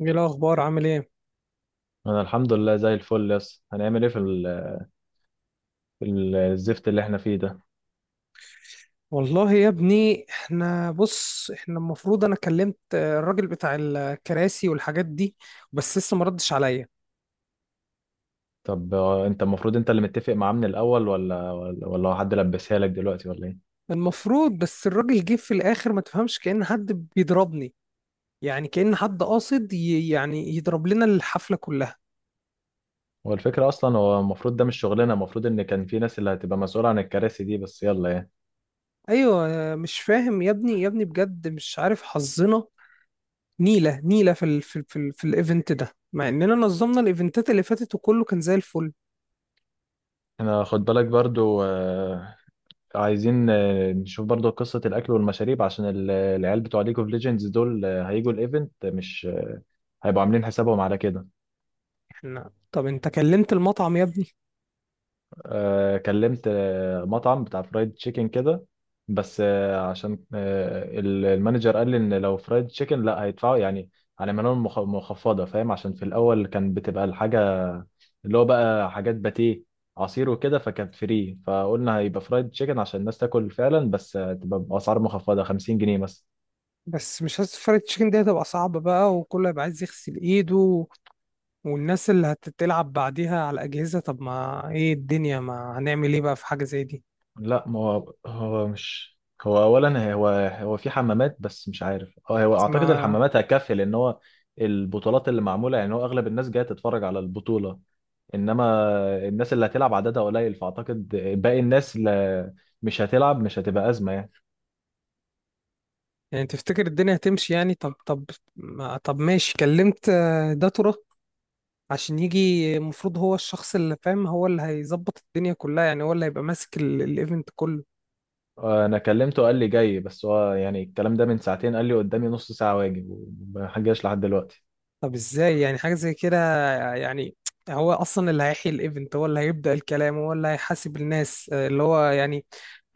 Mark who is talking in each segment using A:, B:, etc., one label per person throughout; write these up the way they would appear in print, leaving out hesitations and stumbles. A: ايه الاخبار؟ عامل ايه؟
B: انا الحمد لله زي الفل. يس هنعمل ايه في الزفت اللي احنا فيه ده؟
A: والله يا ابني، احنا بص، احنا المفروض انا كلمت الراجل بتاع الكراسي والحاجات دي، بس لسه ما ردش عليا.
B: طب انت المفروض انت اللي متفق معاه من الاول ولا هو حد لبسها لك دلوقتي ولا ايه؟
A: المفروض بس الراجل جه في الاخر ما تفهمش، كأن حد بيضربني، يعني كأن حد قاصد يعني يضرب لنا الحفلة كلها.
B: هو الفكره اصلا، هو المفروض ده مش شغلنا، المفروض ان كان في ناس اللي هتبقى مسؤوله عن الكراسي دي، بس يلا يعني.
A: ايوه، مش فاهم يا ابني يا ابني بجد، مش عارف حظنا نيلة نيلة في الايفنت ده، مع اننا نظمنا الايفنتات اللي فاتت وكله كان زي الفل.
B: احنا خد بالك برضو عايزين نشوف برضو قصه الاكل والمشاريب عشان العيال بتوع ليج اوف ليجندز دول هيجوا الايفنت، مش هيبقوا عاملين حسابهم على كده.
A: احنا طب انت كلمت المطعم يا ابني؟
B: كلمت مطعم بتاع فرايد تشيكن كده. بس عشان المانجر قال لي ان لو فرايد تشيكن لا هيدفعوا يعني، هنعمل لهم مخفضه، فاهم؟ عشان في الاول كان بتبقى الحاجه اللي هو بقى حاجات باتيه، عصير وكده، فكانت فري، فقلنا هيبقى فرايد تشيكن عشان الناس تاكل فعلا، بس تبقى باسعار مخفضه، 50 جنيه مثلا.
A: بس مش حاسس فرايد تشيكن دي هتبقى صعبة بقى، وكله هيبقى عايز يغسل ايده، والناس اللي هتتلعب بعديها على الأجهزة. طب ما ايه الدنيا، ما هنعمل ايه بقى في حاجة زي دي.
B: لا، ما هو هو مش هو اولا هو هو في حمامات، بس مش عارف، اه هو اعتقد
A: ما
B: الحمامات هتكفي، لان هو البطولات اللي معموله، يعني هو اغلب الناس جايه تتفرج على البطوله، انما الناس اللي هتلعب عددها قليل، فاعتقد باقي الناس اللي مش هتلعب مش هتبقى ازمه يعني.
A: يعني تفتكر الدنيا هتمشي؟ يعني طب ما طب ماشي. كلمت داتورا عشان يجي، المفروض هو الشخص اللي فاهم، هو اللي هيظبط الدنيا كلها، يعني هو اللي هيبقى ماسك الايفنت كله.
B: انا كلمته قال لي جاي، بس هو يعني الكلام ده من ساعتين، قال لي قدامي نص ساعه واجي وما جاش لحد دلوقتي.
A: طب ازاي يعني حاجة زي كده؟ يعني هو اصلا اللي هيحيي الايفنت، هو اللي هيبدأ الكلام، هو اللي هيحاسب الناس، اللي هو يعني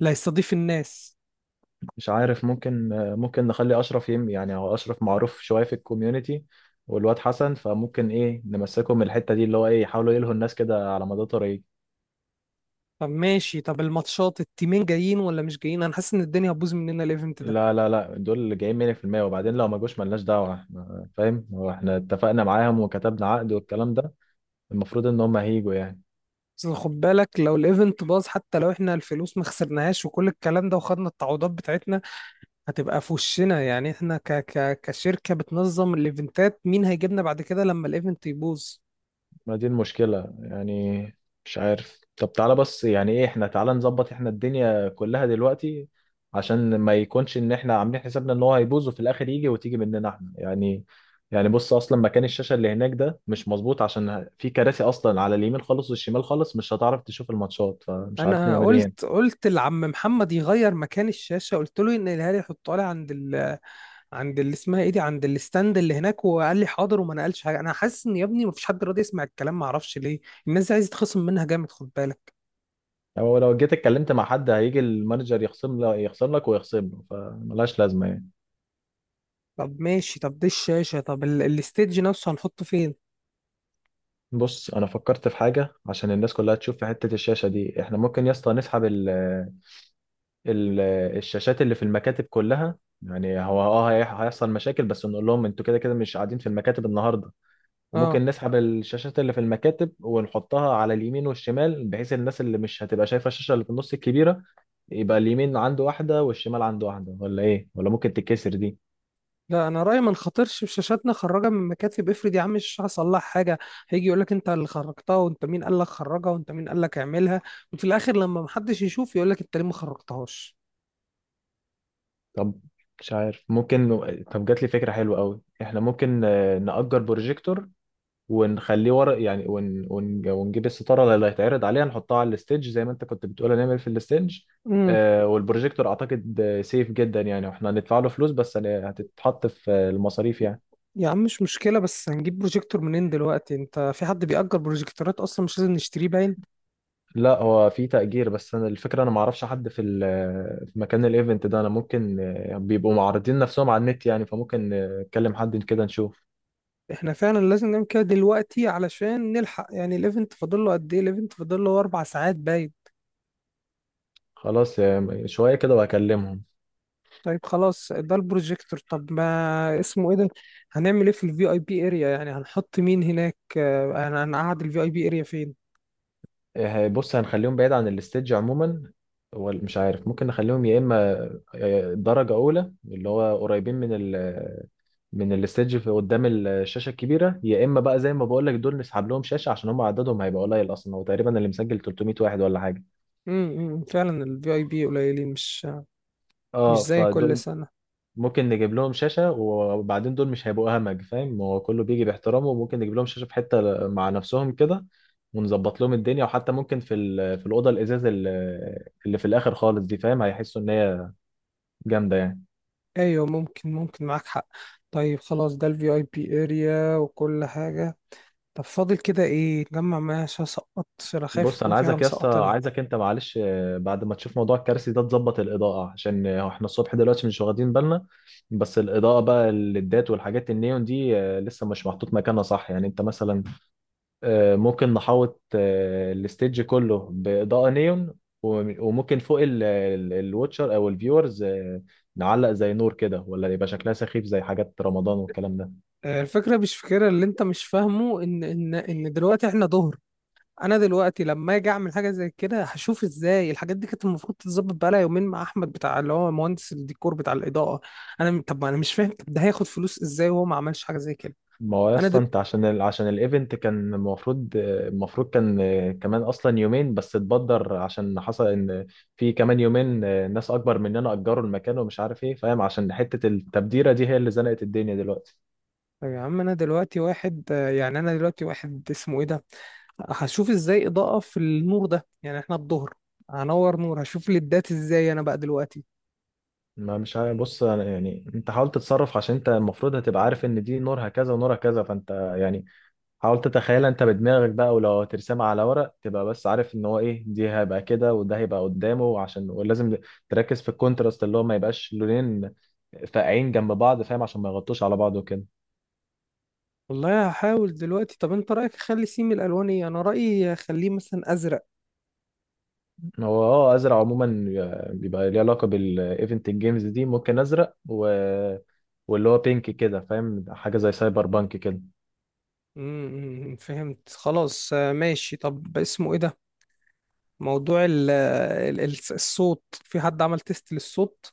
A: اللي هيستضيف الناس.
B: مش عارف، ممكن نخلي اشرف يعني هو اشرف معروف شويه في الكوميونتي، والواد حسن، فممكن ايه نمسكهم من الحته دي اللي هو ايه، يحاولوا يلهوا الناس كده على مدى طريق.
A: طب ماشي، طب الماتشات التيمين جايين ولا مش جايين؟ انا حاسس ان الدنيا هتبوظ مننا الايفنت ده.
B: لا لا لا، دول اللي جايين 100%، وبعدين لو ما جوش ملناش دعوه، احنا فاهم، هو احنا اتفقنا معاهم وكتبنا عقد والكلام ده، المفروض ان هم هيجوا يعني.
A: بس خد بالك، لو الايفنت باظ، حتى لو احنا الفلوس ما خسرناهاش وكل الكلام ده وخدنا التعويضات بتاعتنا، هتبقى في وشنا يعني. احنا ك ك كشركة بتنظم الايفنتات، مين هيجيبنا بعد كده لما الايفنت يبوظ؟
B: ما دي المشكلة يعني، مش عارف. طب تعالى بس يعني ايه، احنا تعالى نظبط احنا الدنيا كلها دلوقتي عشان ما يكونش ان احنا عاملين حسابنا ان هو هيبوظ، وفي الاخر يجي وتيجي مننا احنا يعني. يعني بص، اصلا مكان الشاشة اللي هناك ده مش مظبوط، عشان في كراسي اصلا على اليمين خالص والشمال خالص مش هتعرف تشوف الماتشات، فمش عارف
A: انا
B: نعمل ايه هنا.
A: قلت لعم محمد يغير مكان الشاشه، قلت له ينقلها لي، يحطها لي عند اللي اسمها ايه دي، عند الستاند اللي هناك، وقال لي حاضر وما نقلش حاجه. انا حاسس ان يا ابني مفيش حد راضي يسمع الكلام، ما اعرفش ليه. الناس دي عايزه تخصم منها جامد، خد بالك.
B: يعني هو لو جيت اتكلمت مع حد هيجي المانجر يخصم لك، ويخصم له، فملهاش لازمة يعني.
A: طب ماشي، طب دي الشاشه، طب الستيج نفسه هنحطه فين؟
B: بص انا فكرت في حاجه عشان الناس كلها تشوف في حته الشاشه دي، احنا ممكن يا اسطى نسحب ال الشاشات اللي في المكاتب كلها. يعني هو اه هيحصل مشاكل، بس نقول لهم انتوا كده كده مش قاعدين في المكاتب النهارده.
A: اه،
B: ممكن نسحب الشاشات اللي في المكاتب ونحطها على اليمين والشمال، بحيث الناس اللي مش هتبقى شايفه الشاشه اللي في النص الكبيره، يبقى اليمين عنده واحده والشمال عنده واحده. ولا ايه، ولا ممكن تتكسر دي؟
A: لا انا رايي ما نخاطرش بشاشاتنا. خرجها من مكاتب، افرض يا عم الشاشه حصل لها حاجه، هيجي يقول لك انت اللي خرجتها، وانت مين قال لك خرجها، وانت مين قال لك اعملها، وفي الاخر لما محدش يشوف يقول لك انت ليه ما خرجتهاش.
B: طب مش عارف. ممكن، طب جات لي فكره حلوه قوي، احنا ممكن نأجر بروجيكتور، ونخليه ورق يعني، ونجيب الستاره اللي هيتعرض عليها نحطها على الستيج زي ما انت كنت بتقول هنعمل في الستيج.
A: امم.
B: آه، والبروجيكتور اعتقد سيف جدا يعني، واحنا هندفع له فلوس، بس هتتحط في المصاريف يعني.
A: يا عم مش مشكلة، بس هنجيب بروجيكتور منين دلوقتي؟ انت في حد بيأجر بروجيكتورات اصلا؟ مش لازم نشتريه باين.
B: لا هو في تأجير، بس انا الفكره انا ما اعرفش حد في ال... في مكان الايفنت ده. انا ممكن بيبقوا معرضين نفسهم على النت يعني، فممكن نكلم حد كده نشوف.
A: احنا فعلا لازم نعمل كده دلوقتي علشان نلحق يعني. الايفنت فاضل له قد ايه؟ الايفنت فاضل له 4 ساعات باين.
B: خلاص شويه كده وهكلمهم.
A: طيب خلاص ده البروجيكتور. طب ما اسمه ايه ده، هنعمل ايه في الفي اي بي اريا؟ يعني هنحط مين هناك؟ هنقعد الفي اي بي اريا فين؟
B: إيه، بص هنخليهم بعيد عن الستيج عموما. هو مش عارف، ممكن نخليهم يا اما درجه اولى اللي هو قريبين من من الستيج في قدام الشاشه الكبيره، يا اما بقى زي ما بقول لك دول نسحب لهم شاشه عشان هم عددهم هيبقى قليل اصلا. هو تقريبا اللي مسجل 300 واحد ولا حاجه.
A: امم، فعلا الفي اي بي قليلين، مش
B: اه،
A: مش زي كل
B: فدول
A: سنة.
B: ممكن نجيب لهم شاشة. وبعدين دول مش هيبقوا همج، فاهم، هو كله بيجي باحترامه، وممكن نجيب لهم شاشة في حتة مع نفسهم كده ونظبط لهم الدنيا. وحتى ممكن في الأوضة الإزاز اللي في الآخر خالص دي، فاهم، هيحسوا إن هي جامدة يعني.
A: ايوه ممكن، ممكن معاك حق. طيب خلاص ده الفي اي بي اريا وكل حاجه. طب فاضل كده ايه نجمع معايا عشان اسقط؟ عشان أنا خايف
B: بص
A: يكون
B: أنا
A: في حاجه
B: عايزك يا اسطى،
A: مسقطانا.
B: أنت معلش بعد ما تشوف موضوع الكرسي ده تظبط الإضاءة عشان إحنا الصبح دلوقتي مش واخدين بالنا، بس الإضاءة بقى الليدات والحاجات النيون دي لسه مش محطوط مكانها صح يعني. أنت مثلا ممكن نحوط الستيج كله بإضاءة نيون، وممكن فوق الواتشر أو الفيورز نعلق زي نور كده، ولا يبقى شكلها سخيف زي حاجات رمضان والكلام ده.
A: الفكره مش فكره، اللي انت مش فاهمه ان دلوقتي احنا ظهر. انا دلوقتي لما اجي اعمل حاجه زي كده هشوف ازاي. الحاجات دي كانت المفروض تتظبط بقالها يومين مع احمد بتاع اللي هو مهندس الديكور بتاع الاضاءه. انا طب ما انا مش فاهم، طب ده هياخد فلوس ازاي وهو ما عملش حاجه زي كده؟
B: ما هو يا
A: انا
B: اسطى انت عشان عشان الايفنت كان المفروض كان كمان اصلا يومين، بس اتبدر عشان حصل ان في كمان يومين ناس اكبر مننا اجروا المكان ومش عارف ايه، فاهم، عشان حتة التبديرة دي هي اللي زنقت الدنيا دلوقتي.
A: طب يا عم، انا دلوقتي واحد، يعني انا دلوقتي واحد اسمه ايه ده هشوف ازاي اضاءة في النور ده؟ يعني احنا الظهر هنور نور هشوف ليدات ازاي انا بقى دلوقتي؟
B: ما مش عارف. بص أنا يعني انت حاول تتصرف عشان انت المفروض هتبقى عارف ان دي نورها كذا ونورها كذا، فانت يعني حاول تتخيلها انت بدماغك بقى، ولو هترسمها على ورق تبقى بس عارف ان هو ايه، دي هيبقى كده وده هيبقى قدامه. عشان ولازم تركز في الكونتراست اللي هو ما يبقاش لونين فاقعين جنب بعض، فاهم، عشان ما يغطوش على بعض وكده.
A: والله هحاول دلوقتي. طب انت رأيك اخلي سيم الالوان ايه؟ انا رأيي اخليه مثلا ازرق.
B: هو اه ازرق عموما بيبقى ليه علاقة بالايفنت الجيمز دي، ممكن ازرق و... واللي هو بينك كده، فاهم، حاجة زي سايبر بانك كده.
A: امم، فهمت خلاص. ماشي. طب اسمه ايه ده، موضوع ال ال الصوت في حد عمل تيست للصوت؟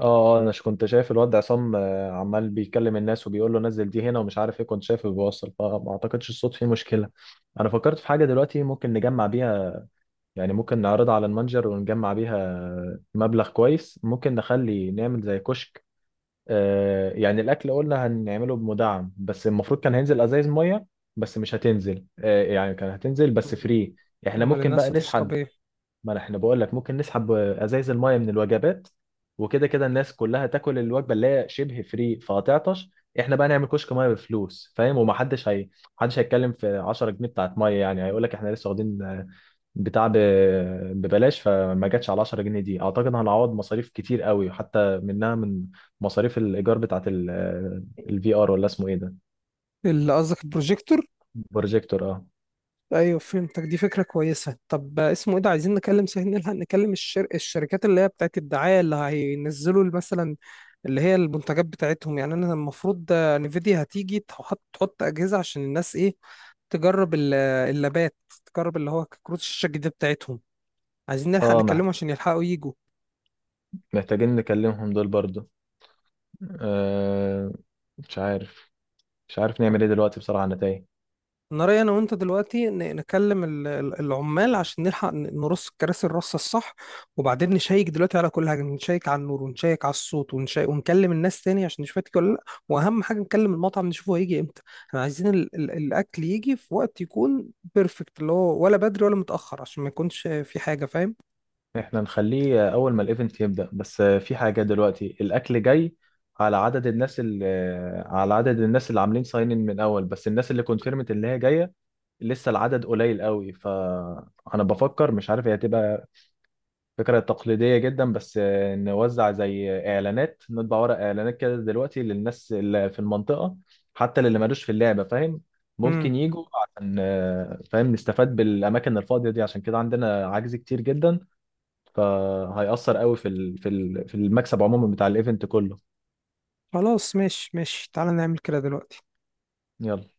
B: اه اه انا كنت شايف الواد عصام عمال بيكلم الناس وبيقول له نزل دي هنا ومش عارف ايه، كنت شايفه بيوصل، فما اعتقدش الصوت فيه مشكلة. انا فكرت في حاجة دلوقتي ممكن نجمع بيها، يعني ممكن نعرضها على المتجر ونجمع بيها مبلغ كويس. ممكن نخلي نعمل زي كشك يعني الاكل قلنا هنعمله بمدعم، بس المفروض كان هينزل ازايز مية، بس مش هتنزل يعني كان هتنزل بس فري. احنا
A: امال
B: ممكن
A: الناس
B: بقى
A: هتشرب
B: نسحب،
A: ايه؟
B: ما احنا بقول لك ممكن نسحب ازايز المايه من الوجبات، وكده كده الناس كلها تاكل الوجبه اللي هي شبه فري، فهتعطش. احنا بقى نعمل كشك مايه بفلوس، فاهم، ومحدش هي محدش هيتكلم في 10 جنيه بتاعت مايه، يعني هيقول لك احنا لسه واخدين بتاع ب- ببلاش، فما جاتش على 10 جنيه دي. اعتقد هنعوض مصاريف كتير قوي حتى منها، من مصاريف الايجار بتاعت الفي ار ولا اسمه ايه ده،
A: اللي قصدك البروجيكتور؟
B: بروجيكتور اه.
A: ايوه فهمتك، دي فكره كويسه. طب اسمه ايه ده، عايزين نكلم سهل، نلحق نكلم الشركات اللي هي بتاعت الدعايه اللي هينزلوا مثلا اللي هي المنتجات بتاعتهم. يعني انا المفروض نفيديا هتيجي تحط اجهزه عشان الناس ايه، تجرب اللابات، تجرب اللي هو كروت الشاشه الجديده بتاعتهم. عايزين نلحق
B: اه مح-
A: نكلمهم عشان يلحقوا يجوا.
B: محتاجين نكلمهم دول برضو. آه مش عارف، مش عارف نعمل ايه دلوقتي بصراحة، انا تايه.
A: انا رايي انا وانت دلوقتي نكلم العمال عشان نلحق نرص الكراسي الرصه الصح، وبعدين نشيك دلوقتي على كل حاجه، نشيك على النور ونشيك على الصوت ونشيك، ونكلم الناس تاني عشان نشوف هتيجي ولا لا. واهم حاجه نكلم المطعم نشوفه هيجي امتى. احنا عايزين ال ال الاكل يجي في وقت يكون بيرفكت، اللي هو ولا بدري ولا متاخر، عشان ما يكونش في حاجه فاهم.
B: احنا نخليه اول ما الايفنت يبدأ، بس في حاجة دلوقتي، الاكل جاي على عدد الناس اللي عاملين ساين ان من اول، بس الناس اللي كونفيرمت اللي هي جاية لسه العدد قليل قوي، فانا بفكر مش عارف هي هتبقى فكرة تقليدية جدا، بس نوزع زي إعلانات، نطبع ورق إعلانات كده دلوقتي للناس اللي في المنطقة حتى اللي مالوش في اللعبة، فاهم،
A: امم،
B: ممكن يجوا عشان فاهم نستفاد بالأماكن الفاضية دي، عشان كده عندنا عجز كتير جدا، فهيأثر قوي في المكسب عموما بتاع الإيفنت كله.
A: خلاص ماشي ماشي، تعالى نعمل كده دلوقتي.
B: يلا.